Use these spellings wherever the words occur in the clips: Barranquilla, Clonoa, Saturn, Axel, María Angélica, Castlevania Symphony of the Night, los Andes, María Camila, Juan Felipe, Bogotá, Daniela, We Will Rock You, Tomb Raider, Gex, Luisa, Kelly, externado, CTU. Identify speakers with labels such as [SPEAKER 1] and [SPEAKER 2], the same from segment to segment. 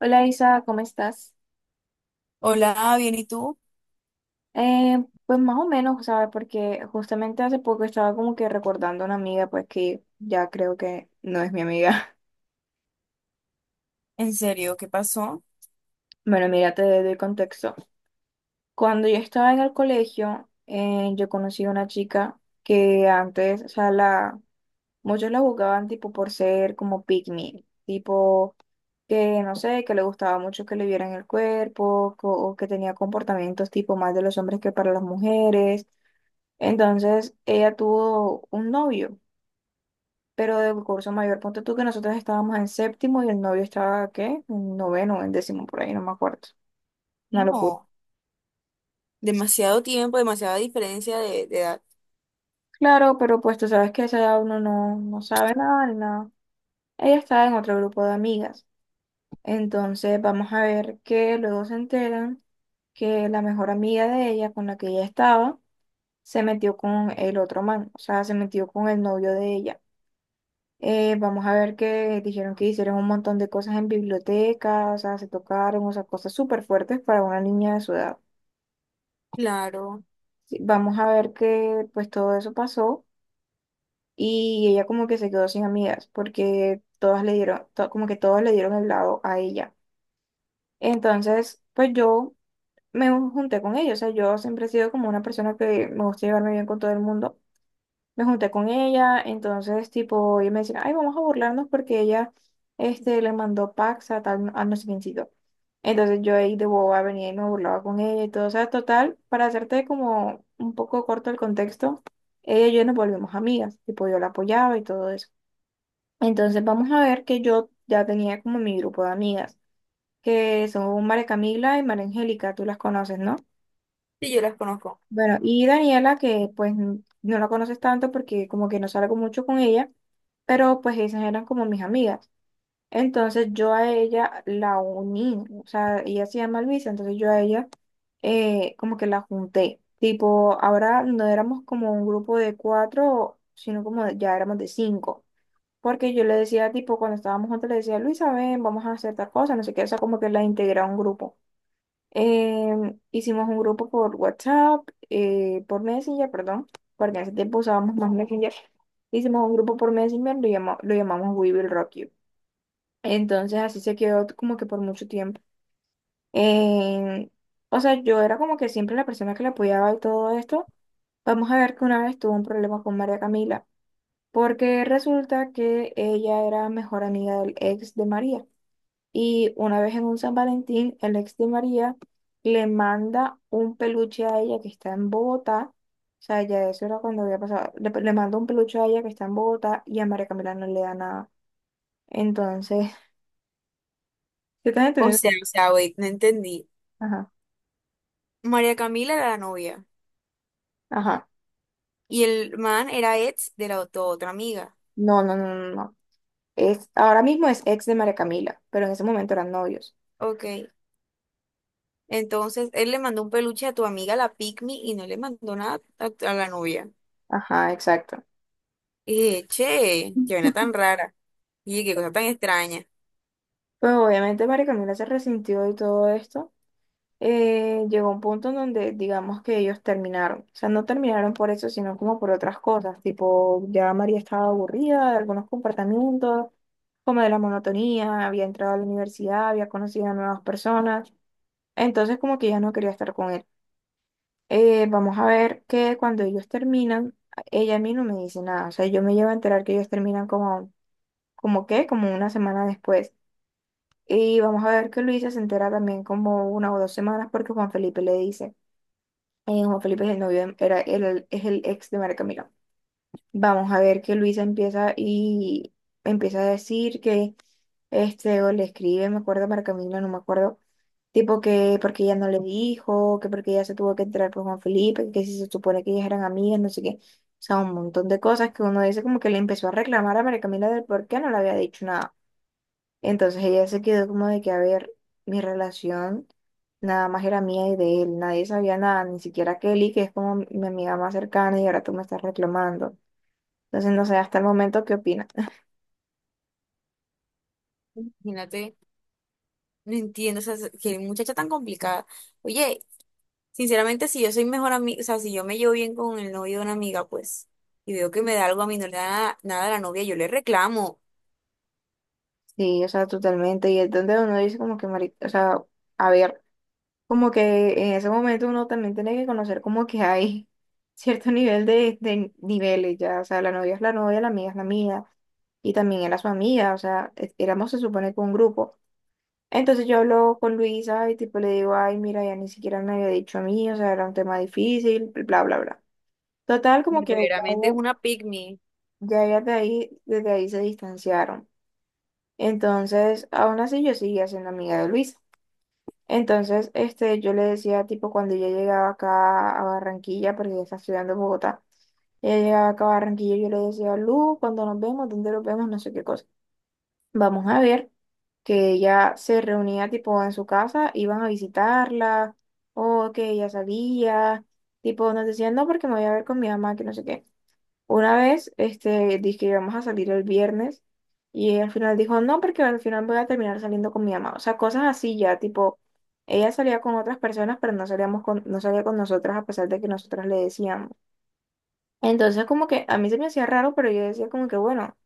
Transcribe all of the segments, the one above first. [SPEAKER 1] Hola Isa, ¿cómo estás?
[SPEAKER 2] Hola, bien, ¿y tú?
[SPEAKER 1] Pues más o menos, ¿sabes? Porque justamente hace poco estaba como que recordando a una amiga, pues que ya creo que no es mi amiga.
[SPEAKER 2] ¿En serio? ¿Qué pasó?
[SPEAKER 1] Bueno, mira, te doy el contexto. Cuando yo estaba en el colegio, yo conocí a una chica que antes, o sea, la, muchos la juzgaban tipo por ser como pick me, tipo que no sé, que le gustaba mucho que le vieran el cuerpo o que tenía comportamientos tipo más de los hombres que para las mujeres. Entonces ella tuvo un novio, pero del curso mayor. Ponte tú que nosotros estábamos en séptimo y el novio estaba, ¿qué? En noveno, en décimo, por ahí, no me acuerdo. Una locura.
[SPEAKER 2] No, demasiado tiempo, demasiada diferencia de edad.
[SPEAKER 1] Claro, pero pues tú sabes que a esa edad uno no sabe nada ni nada. Ella estaba en otro grupo de amigas. Entonces vamos a ver que luego se enteran que la mejor amiga de ella con la que ella estaba se metió con el otro man, o sea, se metió con el novio de ella. Vamos a ver que dijeron que hicieron un montón de cosas en bibliotecas, o sea, se tocaron, o sea, cosas súper fuertes para una niña de su edad.
[SPEAKER 2] Claro,
[SPEAKER 1] Sí, vamos a ver que pues todo eso pasó y ella como que se quedó sin amigas porque todas le dieron, como que todos le dieron el lado a ella. Entonces, pues yo me junté con ellos, o sea, yo siempre he sido como una persona que me gusta llevarme bien con todo el mundo. Me junté con ella, entonces tipo, ella me decía, ay, vamos a burlarnos porque ella le mandó packs a tal, a no sé quiéncito. Entonces yo ahí de boba venía y me burlaba con ella y todo, o sea, total, para hacerte como un poco corto el contexto, ella y yo nos volvimos amigas, tipo yo la apoyaba y todo eso. Entonces vamos a ver que yo ya tenía como mi grupo de amigas, que son María Camila y María Angélica, tú las conoces, ¿no?
[SPEAKER 2] sí, yo las conozco.
[SPEAKER 1] Bueno, y Daniela, que pues no la conoces tanto porque como que no salgo mucho con ella, pero pues esas eran como mis amigas. Entonces yo a ella la uní, o sea, ella se llama Luisa, entonces yo a ella como que la junté. Tipo, ahora no éramos como un grupo de cuatro, sino ya éramos de cinco. Porque yo le decía, tipo, cuando estábamos juntos, le decía, Luisa, ven, vamos a hacer tal cosa, no sé qué, o sea, como que la integré a un grupo. Hicimos un grupo por WhatsApp, por Messenger, perdón, porque en ese tiempo usábamos más Messenger. Hicimos un grupo por Messenger, lo llamamos We Will Rock You. Entonces así se quedó como que por mucho tiempo. Em, o sea, yo era como que siempre la persona que la apoyaba y todo esto. Vamos a ver que una vez tuvo un problema con María Camila, porque resulta que ella era mejor amiga del ex de María. Y una vez en un San Valentín, el ex de María le manda un peluche a ella que está en Bogotá. O sea, ya eso era cuando había pasado. Le manda un peluche a ella que está en Bogotá y a María Camila no le da nada. Entonces, ¿te estás
[SPEAKER 2] O
[SPEAKER 1] entendiendo?
[SPEAKER 2] sea, o sea, wait, no entendí.
[SPEAKER 1] Ajá,
[SPEAKER 2] María Camila era la novia
[SPEAKER 1] ajá.
[SPEAKER 2] y el man era ex de la tu otra amiga.
[SPEAKER 1] No, no, no, no, no. Es, ahora mismo es ex de María Camila, pero en ese momento eran novios.
[SPEAKER 2] Ok, entonces él le mandó un peluche a tu amiga, la Pygmy, y no le mandó nada a la novia.
[SPEAKER 1] Ajá, exacto.
[SPEAKER 2] Y dije, che, qué vaina tan rara. Y qué cosa tan extraña.
[SPEAKER 1] Pues obviamente María Camila se resintió y todo esto. Llegó un punto en donde digamos que ellos terminaron. O sea, no terminaron por eso, sino como por otras cosas. Tipo, ya María estaba aburrida de algunos comportamientos, como de la monotonía, había entrado a la universidad, había conocido a nuevas personas. Entonces como que ya no quería estar con él. Vamos a ver que cuando ellos terminan, ella a mí no me dice nada. O sea, yo me llevo a enterar que ellos terminan como, como qué, como una semana después. Y vamos a ver que Luisa se entera también como una o dos semanas porque Juan Felipe le dice. Juan Felipe es el novio, era, es el ex de María Camila. Vamos a ver que Luisa empieza y empieza a decir que o le escribe, me acuerdo, María Camila, no me acuerdo, tipo que porque ella no le dijo, que porque ella se tuvo que entrar por Juan Felipe, que si se supone que ellas eran amigas, no sé qué. O sea, un montón de cosas que uno dice como que le empezó a reclamar a María Camila del por qué no le había dicho nada. Entonces ella se quedó como de que, a ver, mi relación nada más era mía y de él, nadie sabía nada, ni siquiera Kelly, que es como mi amiga más cercana y ahora tú me estás reclamando. Entonces, no sé, hasta el momento, ¿qué opinas?
[SPEAKER 2] Imagínate, no entiendo, o sea, qué muchacha tan complicada. Oye, sinceramente, si yo soy mejor amiga, o sea, si yo me llevo bien con el novio de una amiga, pues, y veo que me da algo a mí, no le da nada, nada a la novia, yo le reclamo.
[SPEAKER 1] Sí, o sea, totalmente. Y es donde uno dice como que, o sea, a ver, como que en ese momento uno también tiene que conocer como que hay cierto nivel de niveles ya, o sea, la novia es la novia, la amiga es la amiga, y también era su amiga, o sea, éramos se supone que un grupo. Entonces yo hablo con Luisa y tipo le digo, ay, mira, ya ni siquiera me había dicho a mí, o sea, era un tema difícil, bla, bla, bla. Total, como que ya,
[SPEAKER 2] Verdaderamente es
[SPEAKER 1] ella-
[SPEAKER 2] una pick me.
[SPEAKER 1] ya ellas de ahí, desde ahí se distanciaron. Entonces, aún así yo seguía siendo amiga de Luisa. Entonces, yo le decía, tipo, cuando ella llegaba acá a Barranquilla, porque ella está estudiando en Bogotá, ella llegaba acá a Barranquilla, yo le decía, Lu, cuando nos vemos, ¿dónde nos vemos? No sé qué cosa. Vamos a ver que ella se reunía tipo en su casa, iban a visitarla, o que ella sabía, tipo nos decían no porque me voy a ver con mi mamá, que no sé qué. Una vez, dije que íbamos a salir el viernes y ella al final dijo no porque al final voy a terminar saliendo con mi mamá. O sea, cosas así ya, tipo, ella salía con otras personas, pero no salíamos no salía con nosotras a pesar de que nosotras le decíamos. Entonces como que a mí se me hacía raro, pero yo decía como que bueno,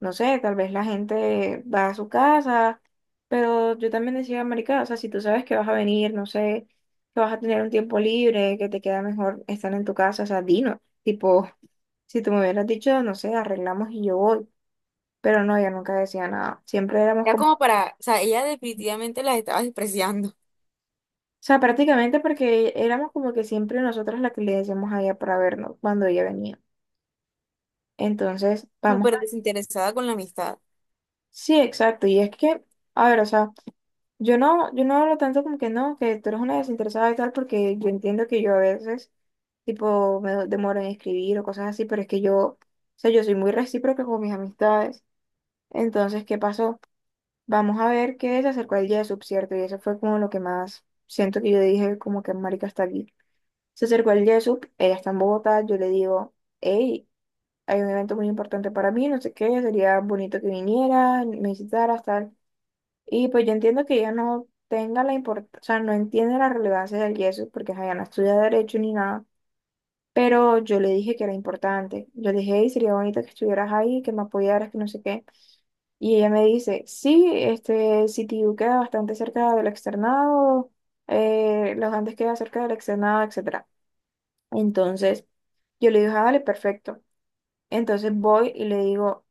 [SPEAKER 1] no sé, tal vez la gente va a su casa, pero yo también decía, marica, o sea, si tú sabes que vas a venir, no sé, que vas a tener un tiempo libre, que te queda mejor estar en tu casa, o sea, dino, tipo, si tú me hubieras dicho, no sé, arreglamos y yo voy, pero no, ella nunca decía nada, siempre éramos
[SPEAKER 2] Ya
[SPEAKER 1] como, o
[SPEAKER 2] como para, o sea, ella definitivamente las estaba despreciando,
[SPEAKER 1] sea, prácticamente porque éramos como que siempre nosotras las que le decíamos a ella para vernos cuando ella venía. Entonces, vamos.
[SPEAKER 2] súper desinteresada con la amistad.
[SPEAKER 1] Sí, exacto. Y es que, a ver, o sea, yo no hablo tanto como que no, que tú eres una desinteresada y tal, porque yo entiendo que yo a veces, tipo, demoro en escribir o cosas así, pero es que yo, o sea, yo soy muy recíproca con mis amistades. Entonces, ¿qué pasó? Vamos a ver qué se acercó el día de sub, ¿cierto? Y eso fue como lo que más siento que yo dije, como que marica está aquí. Se acercó el día de sub, ella está en Bogotá, yo le digo, hey, hay un evento muy importante para mí, no sé qué, sería bonito que vinieras, me visitaras, tal. Y pues yo entiendo que ella no tenga la importancia, o sea, no entiende la relevancia del yeso porque ajá, ella no estudia derecho ni nada, pero yo le dije que era importante. Yo le dije, "Ey, sería bonito que estuvieras ahí, que me apoyaras, que no sé qué". Y ella me dice, sí, este CTU queda bastante cerca del externado, los Andes queda cerca del externado, etcétera. Entonces yo le dije, ah, vale, perfecto. Entonces voy y le digo,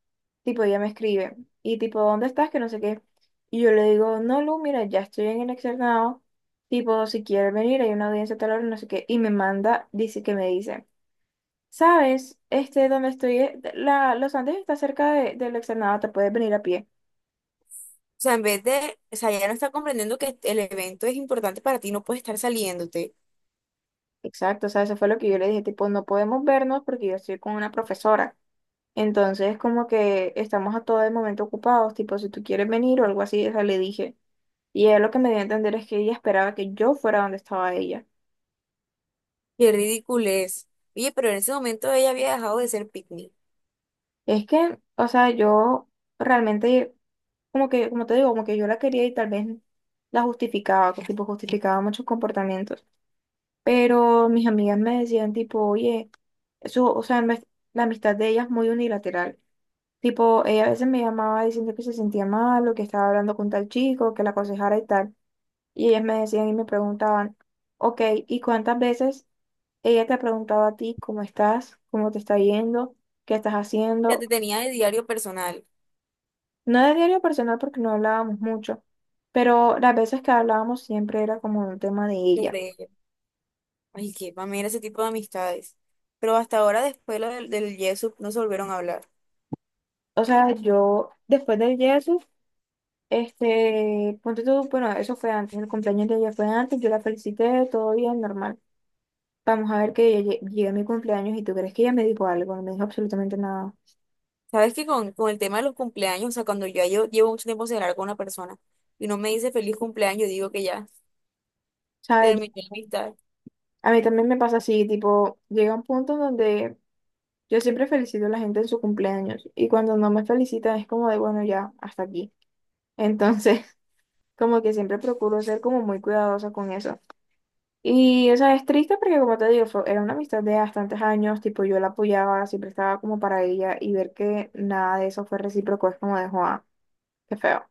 [SPEAKER 1] tipo, ella me escribe, y tipo, ¿dónde estás? Que no sé qué. Y yo le digo, no, Lu, mira, ya estoy en el externado, tipo, si quieres venir, hay una audiencia a tal hora, no sé qué. Y me manda, dice que me dice, ¿sabes? Donde estoy, Los Andes está cerca del externado, te puedes venir a pie.
[SPEAKER 2] O sea, en vez de, o sea, ella no está comprendiendo que el evento es importante para ti, no puedes estar saliéndote.
[SPEAKER 1] Exacto, o sea, eso fue lo que yo le dije, tipo, no podemos vernos porque yo estoy con una profesora. Entonces, como que estamos a todo el momento ocupados, tipo, si tú quieres venir o algo así, o sea, le dije. Y él lo que me dio a entender es que ella esperaba que yo fuera donde estaba ella.
[SPEAKER 2] Qué ridículo es. Oye, pero en ese momento ella había dejado de ser pick me.
[SPEAKER 1] Es que, o sea, yo realmente, como que, como te digo, como que yo la quería y tal vez la justificaba, tipo, justificaba muchos comportamientos. Pero mis amigas me decían, tipo, oye, eso, o sea, la amistad de ella es muy unilateral. Tipo, ella a veces me llamaba diciendo que se sentía mal o que estaba hablando con tal chico, que la aconsejara y tal. Y ellas me decían y me preguntaban, ok, ¿y cuántas veces ella te ha preguntado a ti cómo estás, cómo te está yendo, qué estás
[SPEAKER 2] Ya
[SPEAKER 1] haciendo?
[SPEAKER 2] te tenía de diario personal
[SPEAKER 1] No de diario personal porque no hablábamos mucho, pero las veces que hablábamos siempre era como un tema de ella.
[SPEAKER 2] sobre ella. Ay, que, para mí era ese tipo de amistades. Pero hasta ahora, después lo del, del Yesup, no se volvieron a hablar.
[SPEAKER 1] O sea, yo después del Jesús, ponte tú, bueno, eso fue antes, el cumpleaños de ella fue antes, yo la felicité, todo bien, normal. Vamos a ver que ella llegue a mi cumpleaños y tú crees que ella me dijo algo, no me dijo absolutamente nada.
[SPEAKER 2] Sabes que con el tema de los cumpleaños, o sea, cuando ya yo llevo mucho tiempo sin hablar con una persona y no me dice feliz cumpleaños, yo digo que ya
[SPEAKER 1] ¿Sabes?
[SPEAKER 2] terminé la amistad.
[SPEAKER 1] A mí también me pasa así, tipo, llega un punto donde yo siempre felicito a la gente en su cumpleaños y cuando no me felicitan es como de, bueno, ya, hasta aquí. Entonces, como que siempre procuro ser como muy cuidadosa con eso. Y, o sea, es triste porque, como te digo, era una amistad de bastantes años, tipo, yo la apoyaba, siempre estaba como para ella y ver que nada de eso fue recíproco es como de, Juan, qué feo.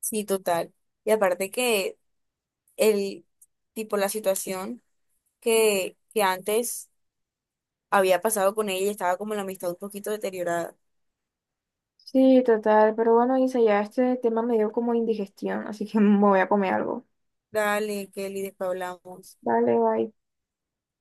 [SPEAKER 2] Sí, total. Y aparte que el tipo, la situación que antes había pasado con ella, estaba como la amistad un poquito deteriorada.
[SPEAKER 1] Sí, total, pero bueno, Isa, ya este tema me dio como indigestión, así que me voy a comer algo.
[SPEAKER 2] Dale, Kelly, después hablamos.
[SPEAKER 1] Dale, bye.